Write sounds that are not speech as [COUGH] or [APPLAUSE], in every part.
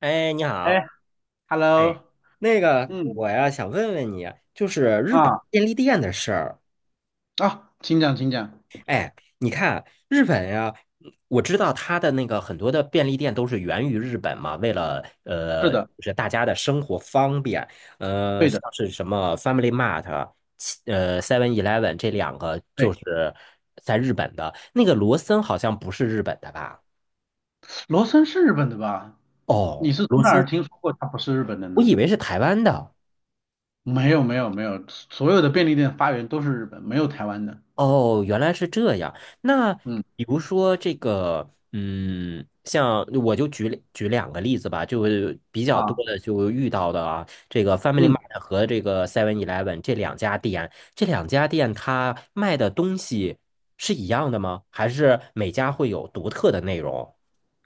哎，你哎好。哎，，Hello，那个，嗯，我呀想问问你啊，就是日本啊便利店的事儿。啊，请讲，请讲。你看日本呀，我知道它的那个很多的便利店都是源于日本嘛，为了是就的。是大家的生活方便。对像的。是什么 Family Mart、Seven Eleven 这两个就对。是在日本的。那个罗森好像不是日本的吧？罗森是日本的吧？你哦，是罗从哪森儿听是说过它不是日本的我呢？以为是台湾的。没有，没有，没有，所有的便利店发源都是日本，没有台湾的。哦，原来是这样。那嗯。比如说这个，像我就举举两个例子吧，就是比较多啊，的就遇到的啊，这个 Family 嗯。Mart 和这个 Seven Eleven 这两家店，这两家店它卖的东西是一样的吗？还是每家会有独特的内容？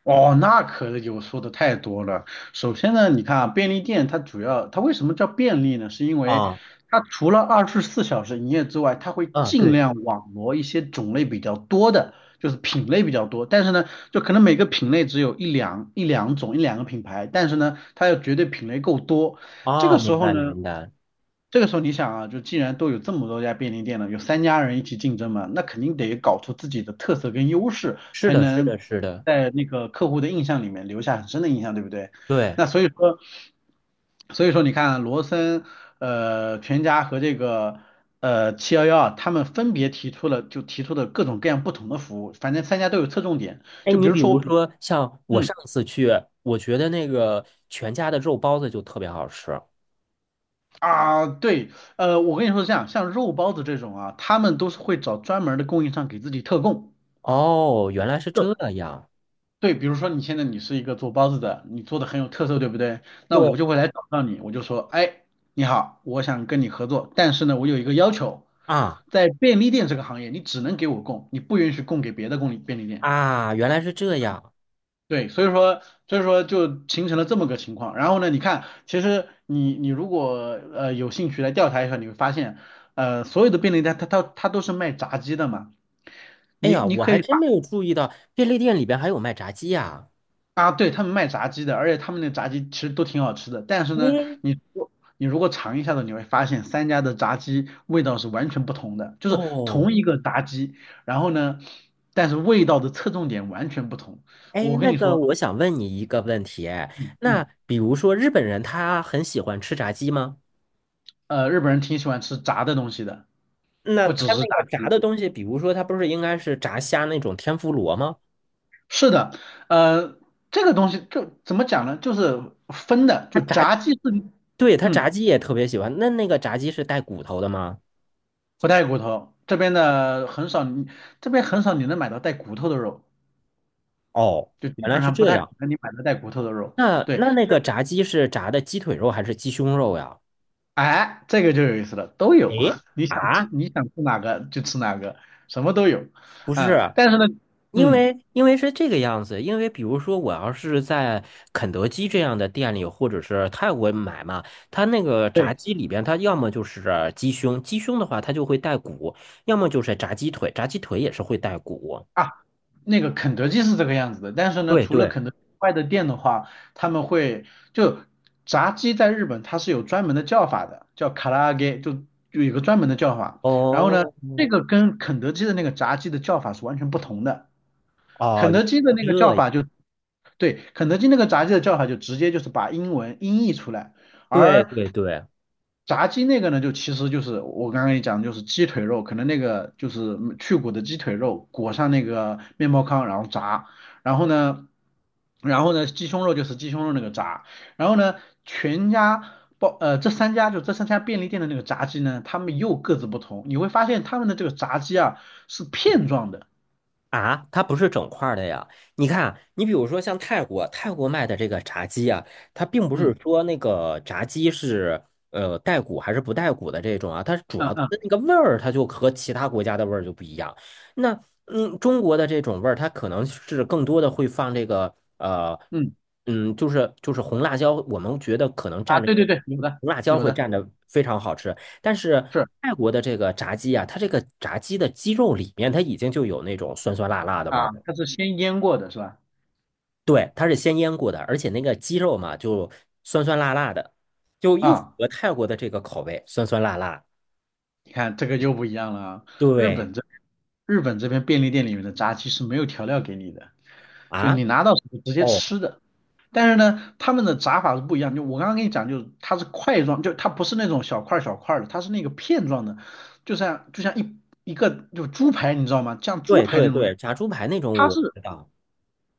哦，那可有说的太多了。首先呢，你看啊，便利店它主要它为什么叫便利呢？是因为啊它除了24小时营业之外，它会啊，尽对量网罗一些种类比较多的，就是品类比较多。但是呢，就可能每个品类只有一两种一两个品牌，但是呢，它要绝对品类够多。这啊，哦，个时明候白呢，明白，这个时候你想啊，就既然都有这么多家便利店了，有三家人一起竞争嘛，那肯定得搞出自己的特色跟优势，是才的，是的，能是的，在那个客户的印象里面留下很深的印象，对不对？对。那所以说你看啊，罗森、全家和这个七幺幺啊，他们分别提出了就提出的各种各样不同的服务，反正三家都有侧重点。哎，就你比如比说如我比，说像我嗯。上次去，我觉得那个全家的肉包子就特别好吃。啊对，我跟你说是这样，像肉包子这种啊，他们都是会找专门的供应商给自己特供。哦，原来是这样。对，比如说你现在你是一个做包子的，你做的很有特色，对不对？那我就对会来找到你，我就说，哎，你好，我想跟你合作，但是呢，我有一个要求，啊在便利店这个行业，你只能给我供，你不允许供给别的便利店。啊，原来是这样。对，所以说就形成了这么个情况。然后呢，你看，其实你你如果有兴趣来调查一下，你会发现，所有的便利店它都是卖炸鸡的嘛，哎你呀，你我可还以。真没有注意到便利店里边还有卖炸鸡呀。啊，对，他们卖炸鸡的，而且他们那个炸鸡其实都挺好吃的。但是呢，嗯，你如果尝一下子，你会发现三家的炸鸡味道是完全不同的，就是哦，同一个炸鸡，然后呢，但是味道的侧重点完全不同。哎，我跟那你个说，我想问你一个问题。哎，嗯嗯，那比如说日本人他很喜欢吃炸鸡吗？日本人挺喜欢吃炸的东西的，那不他只是那个炸炸鸡。的东西，比如说他不是应该是炸虾那种天妇罗吗？是的，呃，这个东西就怎么讲呢？就是分的，他就炸炸鸡是，对，他炸嗯，鸡也特别喜欢。那那个炸鸡是带骨头的吗？不带骨头，这边很少你能买到带骨头的肉。哦，就基原来本是上不这太可样。能你买到带骨头的肉。那对，那那个炸鸡是炸的鸡腿肉还是鸡胸肉呀？哎，这个就有意思了，都有，诶，[LAUGHS] 啊，你想吃哪个就吃哪个，什么都有。不嗯，是，但是呢，因嗯，为因为是这个样子。因为比如说，我要是在肯德基这样的店里，或者是泰国买嘛，它那个对炸鸡里边，它要么就是鸡胸，鸡胸的话它就会带骨，要么就是炸鸡腿，炸鸡腿也是会带骨。啊，那个肯德基是这个样子的，但是呢，对除了对，肯德基外的店的话，他们会就炸鸡在日本它是有专门的叫法的，叫卡拉揚，就就有一个专门的叫法。然后呢，哦，这个跟肯德基的那个炸鸡的叫法是完全不同的。哦，肯德基的那原个叫来是这法就对，肯德基那个炸鸡的叫法就直接就是把英文音译出来，对而对对，炸鸡那个呢，就其实就是我刚刚跟你讲的，就是鸡腿肉，可能那个就是去骨的鸡腿肉裹上那个面包糠，然后炸，然后呢，然后呢，鸡胸肉就是鸡胸肉那个炸，然后呢，全家包呃这三家，这三家便利店的那个炸鸡呢，他们又各自不同，你会发现他们的这个炸鸡啊是片状的。啊，它不是整块儿的呀。你看啊，你比如说像泰国，泰国卖的这个炸鸡啊，它并不是嗯说那个炸鸡是带骨还是不带骨的这种啊，它主嗯要的嗯那个味儿，它就和其他国家的味儿就不一样。那中国的这种味儿，它可能是更多的会放这个嗯就是红辣椒，我们觉得可能蘸啊，着对那对个对，有的红辣椒有会的。蘸着非常好吃。但是是。泰国的这个炸鸡啊，它这个炸鸡的鸡肉里面它已经就有那种酸酸辣辣的味儿啊，了。它是先腌过的是吧？对，它是先腌过的，而且那个鸡肉嘛，就酸酸辣辣的，就又符啊，合泰国的这个口味，酸酸辣辣。你看这个就不一样了啊。日对本这日本这边便利店里面的炸鸡是没有调料给你的，就啊，你拿到手就直接哦，吃的。但是呢，他们的炸法是不一样。就我刚刚跟你讲，就是它是块状，就它不是那种小块儿小块儿的，它是那个片状的，就像就像一个猪排，你知道吗？像猪对排那对种感对，觉。炸猪排那种它我是知道。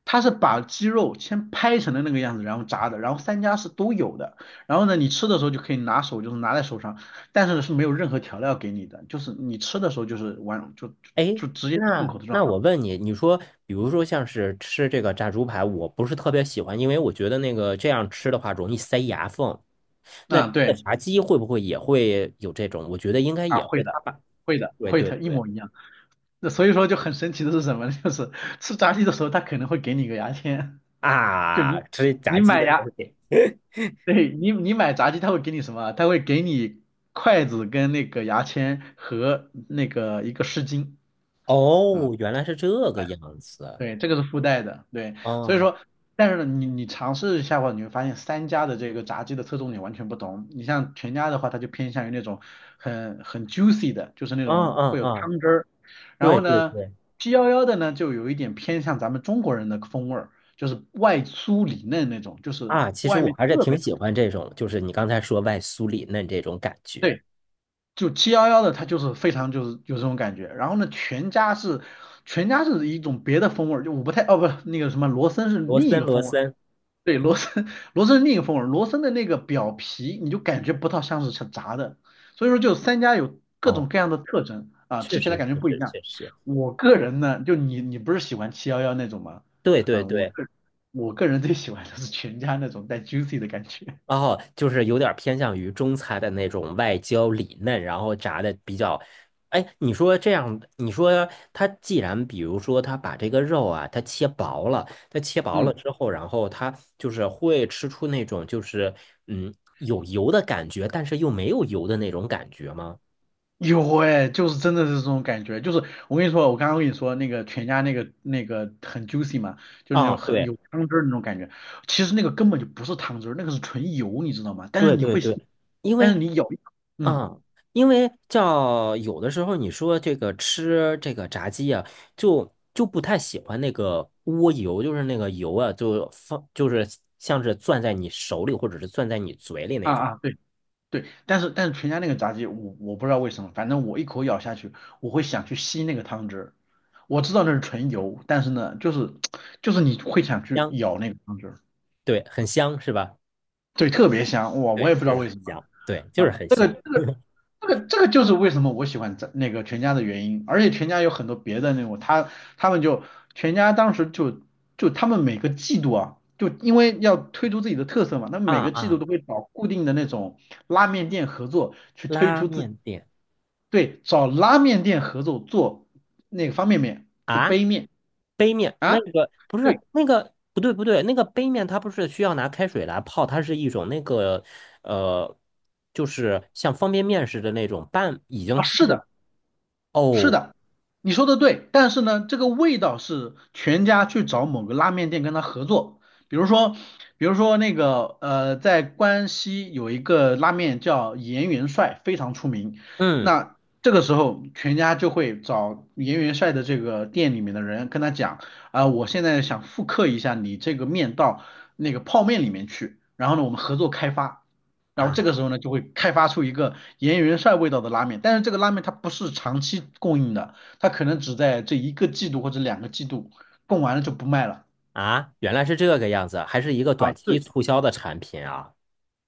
它是把鸡肉先拍成了那个样子，然后炸的，然后三家是都有的。然后呢，你吃的时候就可以拿手，就是拿在手上，但是是没有任何调料给你的，就是你吃的时候就是完就就哎，就直接进那口的状那态。我问你，你说，比如说像是吃这个炸猪排，我不是特别喜欢，因为我觉得那个这样吃的话容易塞牙缝。那啊，这个对炸鸡会不会也会有这种？我觉得应该啊，也会，会他的，把，会的，对会对的，一对，模一样。那所以说就很神奇的是什么呢 [LAUGHS] 就是吃炸鸡的时候，他可能会给你个牙签，就啊，你吃炸你鸡买的牙，东西。对，你你买炸鸡，他会给你什么？他会给你筷子跟那个牙签和那个一个湿巾。啊，哦，原来是这个样子。对，这个是附带的，对，所以哦，说，但是呢，你你尝试一下的话，你会发现三家的这个炸鸡的侧重点完全不同。你像全家的话，它就偏向于那种很很 juicy 的，就是那嗯种嗯会有嗯，汤汁儿。然对后对呢，对，七幺幺的呢，就有一点偏向咱们中国人的风味儿，就是外酥里嫩那种，就是啊，其实外我面还是特挺别喜欢这种，就是你刚才说外酥里嫩这种感觉。对，就七幺幺的它就是非常就是有这种感觉。然后呢，全家是一种别的风味儿，就我不太，哦不那个什么罗森是罗另一森，个罗风味儿。森。对，罗森，[LAUGHS] 罗森是另一风味儿，罗森的那个表皮你就感觉不到像是炸的，所以说就三家有各哦。种各样的特征啊，确吃起来实，感觉确不一实，样。确实，我个人呢，就你你不是喜欢七幺幺那种吗？对对啊，我对，个我个人最喜欢的是全家那种带 juicy 的感觉。哦，就是有点偏向于中餐的那种外焦里嫩，然后炸的比较，哎，你说这样，你说它既然比如说它把这个肉啊，它切薄了，它切 [LAUGHS] 薄了嗯。之后，然后它就是会吃出那种就是有油的感觉，但是又没有油的那种感觉吗？有哎，就是真的是这种感觉，就是我跟你说，我刚刚跟你说那个全家那个那个很 juicy 嘛，就是那啊，种很对有汤汁儿那种感觉，其实那个根本就不是汤汁儿，那个是纯油，你知道吗？对对对，因但为是你咬一口，嗯，嗯，因为叫有的时候你说这个吃这个炸鸡啊，就不太喜欢那个窝油，就是那个油啊，就放就是像是攥在你手里或者是攥在你嘴里啊那种。啊，对对，但是但是全家那个炸鸡，我我不知道为什么，反正我一口咬下去，我会想去吸那个汤汁儿，我知道那是纯油，但是呢，就是你会想去香，咬那个汤汁儿，对，很香是吧？对，特别香，哇，我对，也不知就道是为很什么，香，对，就是啊。很香。这个这个就是为什么我喜欢在那个全家的原因，而且全家有很多别的那种，他他们就全家当时就他们每个季度啊，就因为要推出自己的特色嘛，他们啊每个季度啊！都会找固定的那种拉面店合作去推拉出自己，面店对，找拉面店合作做那个方便面，就啊。杯面。杯面啊，那个不是对那个不对不对，那个杯面它不是需要拿开水来泡，它是一种那个呃，就是像方便面似的那种半已经啊，算是是。的。是哦，的，你说的对，但是呢，这个味道是全家去找某个拉面店跟他合作，比如说，比如说那个在关西有一个拉面叫盐元帅，非常出名。嗯。那这个时候，全家就会找盐元帅的这个店里面的人跟他讲，啊、我现在想复刻一下你这个面到那个泡面里面去，然后呢，我们合作开发。然后啊这个时候呢，就会开发出一个盐源帅味道的拉面，但是这个拉面它不是长期供应的，它可能只在这一个季度或者2个季度，供完了就不卖了啊，原来是这个样子，还是一个短啊。期对，促销的产品啊。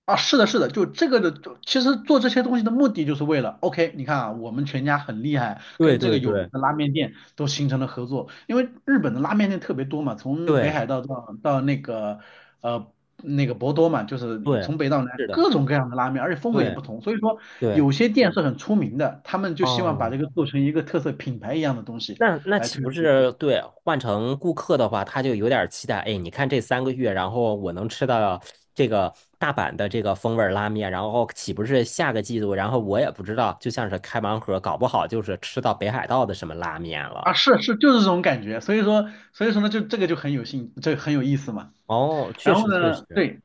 啊，是的，是的，就其实做这些东西的目的就是为了，OK，你看啊，我们全家很厉害，对跟这对个有名对的拉面店都形成了合作，因为日本的拉面店特别多嘛，从北对海道到那个呃那个博多嘛，就是对，从北到南是的，各种各样的拉面，而且风格也对不同，所以说对，有些店是很出名的，他们就希望把嗯。这个做成一个特色品牌一样的东西那来岂推不出。是对换成顾客的话，他就有点儿期待？哎，你看这3个月，然后我能吃到这个大阪的这个风味儿拉面，然后岂不是下个季度，然后我也不知道，就像是开盲盒，搞不好就是吃到北海道的什么拉面啊，了。是是，就是这种感觉，所以说呢，就这个就很有兴，这很有意思嘛。哦，确然后实确呢，实。对，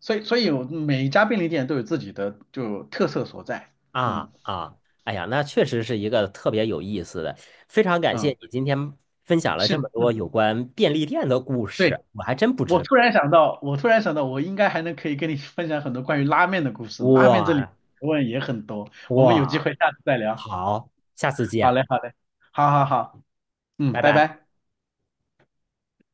所以我每一家便利店都有自己的就特色所在，嗯啊啊，哎呀，那确实是一个特别有意思的，非常感谢嗯，你今天分享了这是么多嗯，有关便利店的故对，事，我还真不知道。我突然想到，我应该还能可以跟你分享很多关于拉面的故事，拉面这里哇学问也很多，我们有机哇，会下次再聊，好，下次好见。嘞好嘞，好好好，嗯，拜拜拜。拜。